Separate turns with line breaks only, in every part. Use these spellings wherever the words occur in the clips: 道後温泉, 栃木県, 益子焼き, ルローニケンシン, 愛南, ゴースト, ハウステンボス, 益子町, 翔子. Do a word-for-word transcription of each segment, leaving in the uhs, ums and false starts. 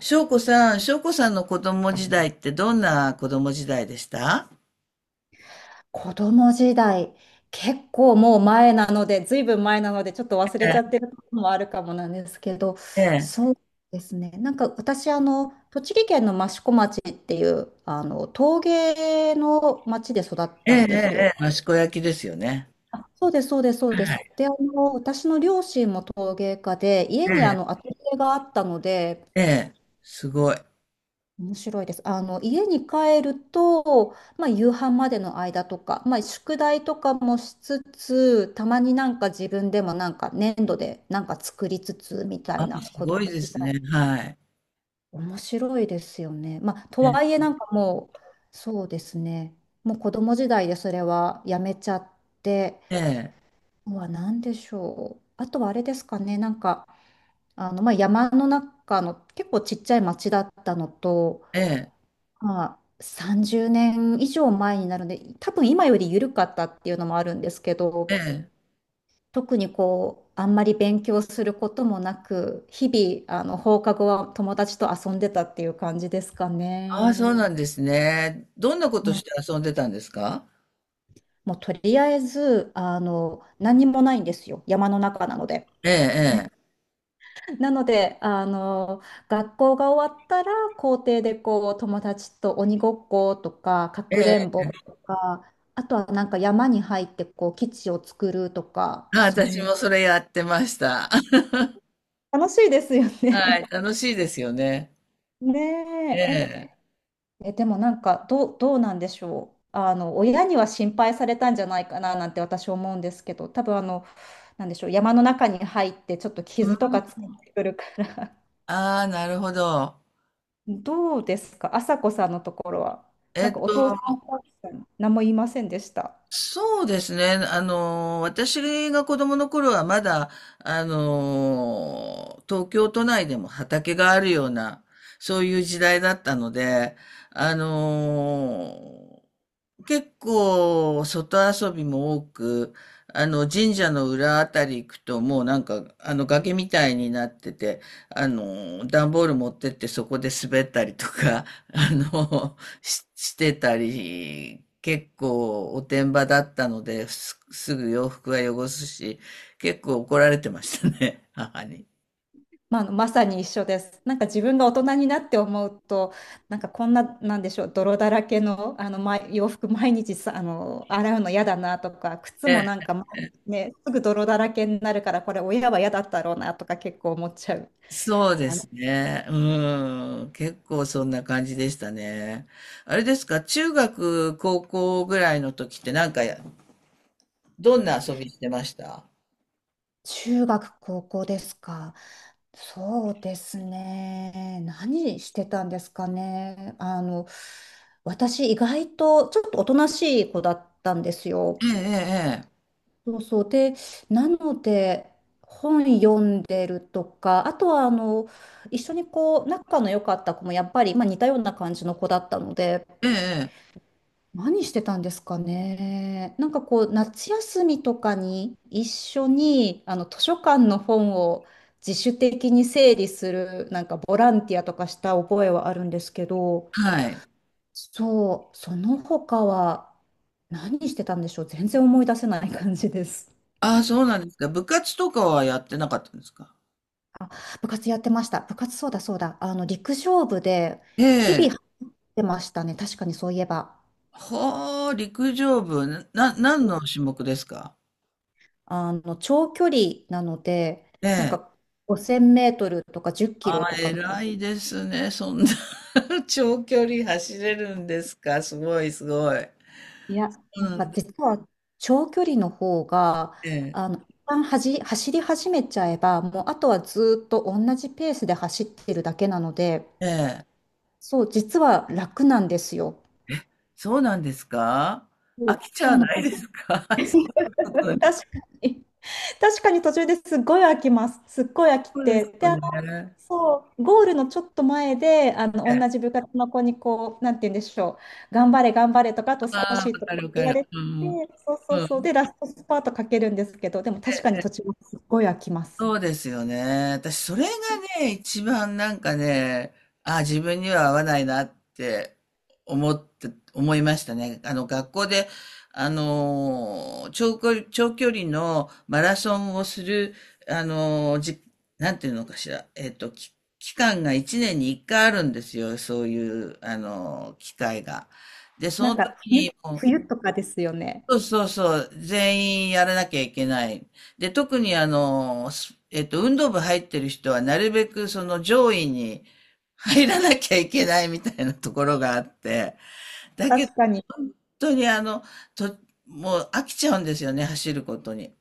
翔子さん、翔子さんの子供時代ってどんな子供時代でした？
子供時代、結構もう前なので、ずいぶん前なので、ちょっと忘れちゃってることもあるかもなんですけど、
ええ、
そうですね。なんか私、あの、栃木県の益子町っていう、あの、陶芸の町で育っ
え
たん
え、
ですよ。
ええ、益子焼きですよね。
あ、そうです、そうです、そうで
は
す。
い。
で、あの、私の両親も陶芸家で、家にあ
え
の、アトリエがあったので、
え、ええ、すごい。
面白いです。あの、家に帰ると、まあ、夕飯までの間とか、まあ、宿題とかもしつつ、たまになんか自分でもなんか粘土でなんか作りつつみた
あ、
いな
す
こと
ごいで
み
す
た
ね。
い。
はい。
面白いですよね。まあ、と
ええ、
はいえなんかもう、そうですね。もう子供時代でそれはやめちゃって、
ええ、
うわ、なんでしょう。あとはあれですかね、なんか、あの、まあ、山の中の結構ちっちゃい町だったのと、
ええ、
まあ、さんじゅうねん以上前になるので、多分今より緩かったっていうのもあるんですけ
え
ど、
え。
特にこう、あんまり勉強することもなく、日々、あの、放課後は友達と遊んでたっていう感じですか
ああ、そう
ね。
なんですね。どんなこ
う
とし
ん、
て遊んでたんですか？
もうとりあえず、あの、何にもないんですよ。山の中なので。
ええ、
なので、あの、学校が終わったら、校庭でこう、友達と鬼ごっことか、か
え
くれ
え、
んぼ
ええ。
とか、あとはなんか山に入ってこう、基地を作るとか、
あ、
そ
私
ん
もそれやってました。
楽しいですよ
はい、
ね。
楽しいですよね。え
ねえ、え、
え。
えでもなんかどう、どうなんでしょう。あの、親には心配されたんじゃないかななんて私思うんですけど、多分あの、なんでしょう、山の中に入ってちょっと傷とかつけってくるから。
ああ、なるほど。
どうですか、朝子さんのところは。
え
なん
っ
かお
と、
父さん、お母さん、何も言いませんでした。
そうですね。あの、私が子供の頃はまだ、あの、東京都内でも畑があるような、そういう時代だったので、あの、結構外遊びも多く、あの、神社の裏あたり行くともうなんか、あの、崖みたいになってて、あの、段ボール持ってってそこで滑ったりとか、あの、し、してたり、結構おてんばだったので、す、すぐ洋服は汚すし、結構怒られてましたね、母に。
まあ、あのまさに一緒です。なんか自分が大人になって思うと、なんかこんな、なんでしょう、泥だらけの、あの、ま、洋服毎日さ、あの、洗うの嫌だなとか、靴も
え、
なんか、まね、すぐ泥だらけになるから、これ親は嫌だったろうなとか結構思っちゃう。
そうですね。うん。結構そんな感じでしたね。あれですか、中学、高校ぐらいの時ってなんかどんな遊びしてました？
中学、高校ですか？そうですね。何してたんですかね。あの、私意外とちょっとおとなしい子だったんですよ。
ええ、え
そうそう。で、なので、本読んでるとか、あとはあの、一緒にこう、仲の良かった子もやっぱり、まあ、似たような感じの子だったので、
え、ええ、ええ。
何してたんですかね。なんかこう、夏休みとかに一緒に、あの、図書館の本を自主的に整理する、なんかボランティアとかした覚えはあるんですけど、
はい。
そう、その他は何してたんでしょう。全然思い出せない感じです。
ああ、そうなんですか。部活とかはやってなかったんですか？
あ、部活やってました。部活そうだそうだ。あの、陸上部で
え
日
え。
々入ってましたね。確かにそういえば。
ほう、陸上部、な、な何の種目ですか？
あの長距離なので、なんかごせんメートルとか10キ
あ
ロ
あ、
とかの。
偉いですね。そんな 長距離走れるんですか、すごい、すごい。
いや、
う
なんか
ん、
実は長距離の方が、
ええ、
あの、一旦はじ、走り始めちゃえば、もうあとはずーっと同じペースで走ってるだけなので、
ええ。
そう、実は楽なんですよ。
そうなんですか？
う
飽
ん、
きちゃ
そ
わ
うなん
ない
です。
ですか？ そういうこと。
確かに、確かに途中ですっごい飽きます。すっごい飽き
そうです
て。で
よね。
そう、ゴールのちょっと前で、あ
え
の、
え。
同じ部活の子にこう、なんて言うんでしょう、頑張れ、頑張れとか、あと少
ああ、わ
しとか
かるわ
言
か
わ
る。
れて、
うん、うん。
そうそうそう、で、ラストスパートかけるんですけど、でも確かに途中もすっごい飽きます。
そうですよね。私、それがね、一番なんかね、あ、自分には合わないなって思って、思いましたね。あの、学校で、あのー、長距離、長距離のマラソンをする、あのー、じ、なんていうのかしら、えっと、き期間がいちねんにいっかいあるんですよ。そういう、あのー、機会が。で、そ
な
の
んか
時に、
冬、冬とかですよね。
そうそうそう、全員やらなきゃいけない。で、特にあの、すえっと、運動部入ってる人はなるべくその上位に入らなきゃいけないみたいなところがあって、だけど、
確かに。
本当にあの、と、もう飽きちゃうんですよね、走ることに。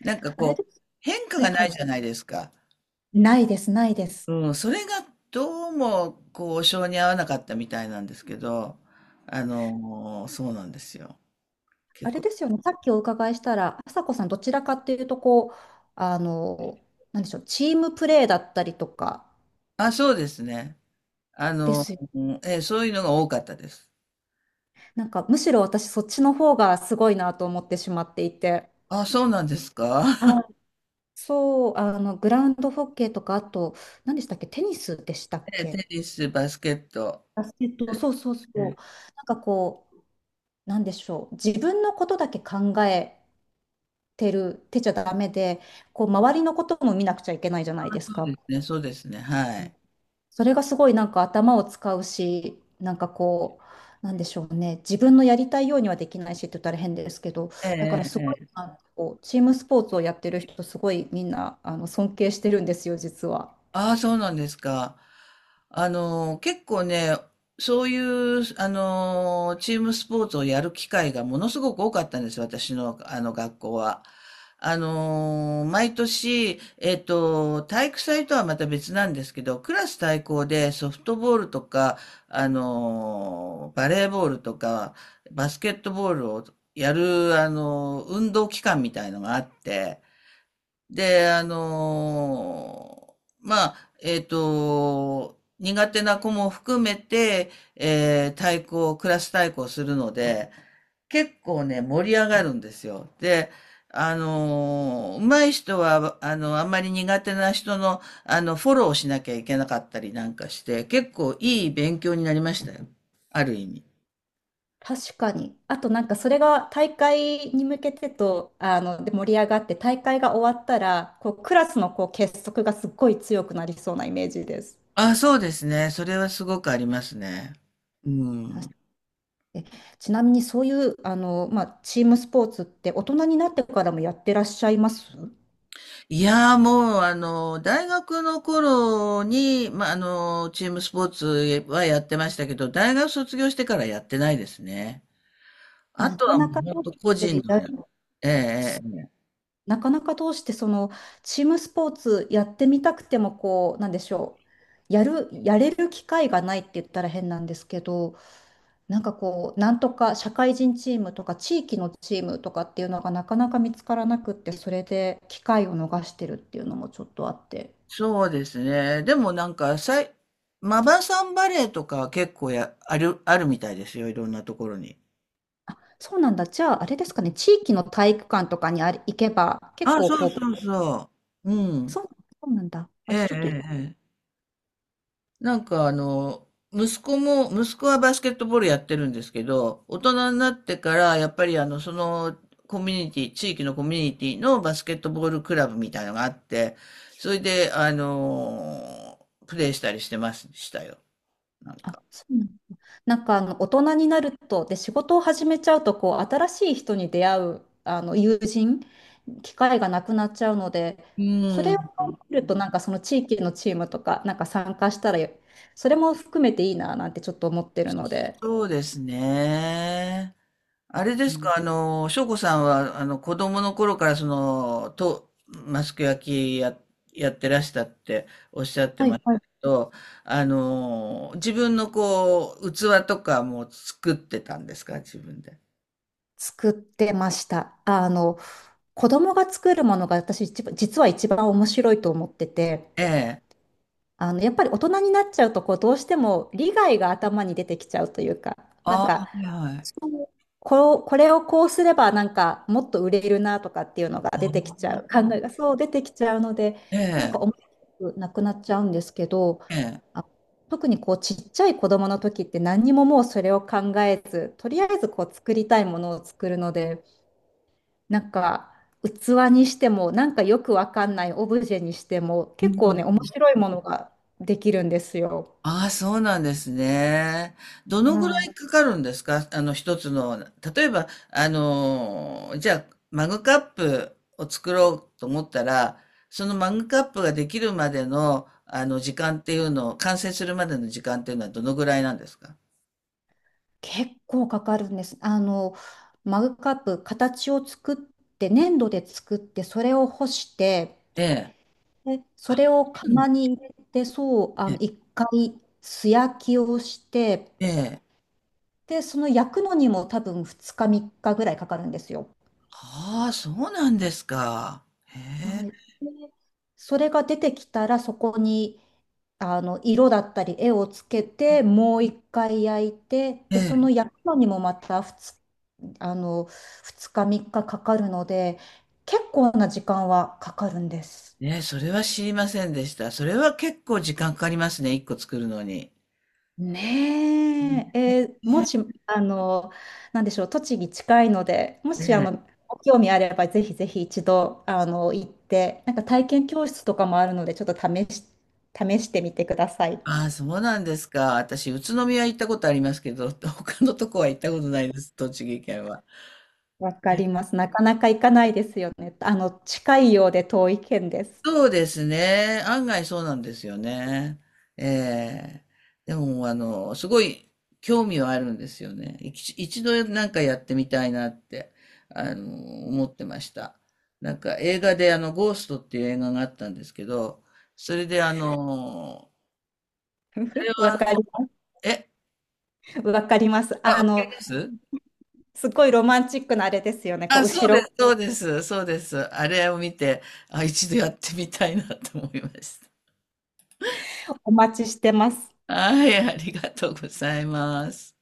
なんか
あれ
こ
で
う、
す。
変化
はい
が
は
ない
い。
じゃないですか。
ないです、ないです。
うん、それがどうも、こう、性に合わなかったみたいなんですけど、あの、そうなんですよ。
あ
結
れ
構。
ですよね、さっきお伺いしたら、朝子さん、どちらかっていうと、こう、あの、なんでしょう、チームプレーだったりとか
あ、そうですね。あ
で
の、
すよね。
えーそういうのが多かったです。
なんかむしろ私そっちの方がすごいなと思ってしまっていて。
あ、そうなんですか。
あ、そう、あの、グラウンドホッケーとか、あと、何でしたっけ、テニスでしたっ
ええ、
け。
テニス、バスケット。
バスケット。そうそう
え
そう。
ー
なんかこう、なんでしょう。自分のことだけ考えてる、てちゃダメで、こう、周りのことも見なくちゃいけないじゃないです
そう
か。
ですね、そうですね、はい。
それがすごいなんか頭を使うし、なんかこう、なんでしょうね、自分のやりたいようにはできないしって言ったら変ですけど、
え
だからすごい、
え、ええ。
あのこうチームスポーツをやってる人、すごいみんなあの尊敬してるんですよ、実は。
ああ、そうなんですか。あの、結構ね、そういう、あの、チームスポーツをやる機会がものすごく多かったんです、私の、あの、学校は。あの、毎年、えっと、体育祭とはまた別なんですけど、クラス対抗でソフトボールとか、あの、バレーボールとか、バスケットボールをやる、あの、運動期間みたいのがあって、で、あのーまあ、えっと、苦手な子も含めて、えー、対抗、クラス対抗するので、結構ね、盛り上がるんですよ。で、あのー、上手い人は、あの、あんまり苦手な人の、あの、フォローをしなきゃいけなかったりなんかして、結構いい勉強になりましたよ。ある意味。
確かに。あとなんかそれが大会に向けてと、あの、で盛り上がって、大会が終わったら、こうクラスのこう結束がすっごい強くなりそうなイメージです。
あ、そうですね。それはすごくありますね。うん。
えちなみにそういうあの、まあ、チームスポーツって大人になってからもやってらっしゃいます
いやーもう、あの、大学の頃に、まあ、あの、チームスポーツはやってましたけど、大学卒業してからやってないですね。あ
な
と
か
は
な
も
か
う
ど
本
うし
当個
て
人
い
の
ら
や、ええ、
す
ええ。
なかなかどうしてそのチームスポーツやってみたくてもこうなんでしょう、やるやれる機会がないって言ったら変なんですけど、なんかこうなんとか社会人チームとか地域のチームとかっていうのがなかなか見つからなくって、それで機会を逃してるっていうのもちょっとあって。
そうですね。でもなんか、さい、マバさんバレーとか結構や、ある、あるみたいですよ。いろんなところに。
あ、そうなんだ。じゃあ、あれですかね。地域の体育館とかにあれ行けば、結
あ、
構
そう
こう、
そうそう。うん。
そう、そうなんだ。
え、
あ、じゃあ
ええ、
ちょっとい、
え。なんかあの、息子も、息子はバスケットボールやってるんですけど、大人になってから、やっぱりあの、そのコミュニティ、地域のコミュニティのバスケットボールクラブみたいのがあって、それで、あの、プレイしたりしてましたよ。なん
あ、
か。
そうなんだ。なんかあの、大人になると、で、仕事を始めちゃうと、こう、新しい人に出会う、あの、友人、機会がなくなっちゃうので、そ
う
れを
ん。
見ると、なんかその地域のチームとか、なんか参加したら、それも含めていいな、なんてちょっと思ってるので。
そうですね。あれで
う
す
ん、
か、あの、翔子さんは、あの、子供の頃から、その、と、マスク焼きや、やってらしたっておっしゃって
は
ま
い
した
はい。
けど、あの、自分のこう、器とかも作ってたんですか、自分で。
作ってました。あの、子供が作るものが私一番、実は一番面白いと思ってて、
ええ。
あの、やっぱり大人になっちゃうと、こう、どうしても利害が頭に出てきちゃうというか、な
あ
ん
あ、
か、
はいはい。
そうこう、これをこうすれば、なんか、もっと売れるなとかっていうのが出てきちゃう、考えがそう出てきちゃうので、
え
なん
え、
か面白くなくなっちゃうんですけど、
ええ。
あ、特にこう、ちっちゃい子供の時って何にももうそれを考えず、とりあえずこう、作りたいものを作るので、なんか器にしてもなんかよくわかんないオブジェにしても
う
結構
ん。
ね面白いものができるんですよ。
ああ、そうなんですね。どのぐら
はい。
いかかるんですか、あの、一つの、例えば、あのー、じゃあ、マグカップを作ろうと思ったら、そのマグカップができるまでの、あの、時間っていうのを、完成するまでの時間っていうのはどのぐらいなんですか？
結構かかるんです。あのマグカップ形を作って粘土で作ってそれを干して、
ええ。
でそ
あ、
れを
そうなん。
釜に入れて、そう、あ
え
の
え。
一回素焼きをして、
ええ。
でその焼くのにも多分ふつかみっかぐらいかかるんですよ。
ああ、そうなんですか。へ
はい。それが出てきたらそこにあの色だったり絵をつけて、もう一回焼いて、
え。え
でその
え。
焼くのにもまたに、あのふつかみっかかかかるので結構な時間はかかるんです。
ねえ、それは知りませんでした。それは結構時間かかりますね、一個作るのに。
ねえ、えーもしあのなんでしょう、栃木近いので、もしあ
ええ。
のご興味あればぜひぜひ一度あの行って、なんか体験教室とかもあるのでちょっと試し、試してみてください。
ああ、そうなんですか。私、宇都宮行ったことありますけど、他のとこは行ったことないです、栃木県は。
わかります。なかなか行かないですよね。あの、近いようで遠い県です。
そうですね。案外そうなんですよね。ええ。でも、あの、すごい興味はあるんですよね。一一度なんかやってみたいなって、あの、思ってました。なんか映画で、あの、ゴーストっていう映画があったんですけど、それで、あの、あれ
わ
は、
かり、
え、
わかります。
あ、わ
あ
か
の、
ります。
すごいロマンチックなあれですよね。こ
あ、
う、
そ
後
うです、
ろ。
そうです、そうです。あれを見て、あ、一度やってみたいなと思いまし
お待ちしてます。
た。はい、ありがとうございます。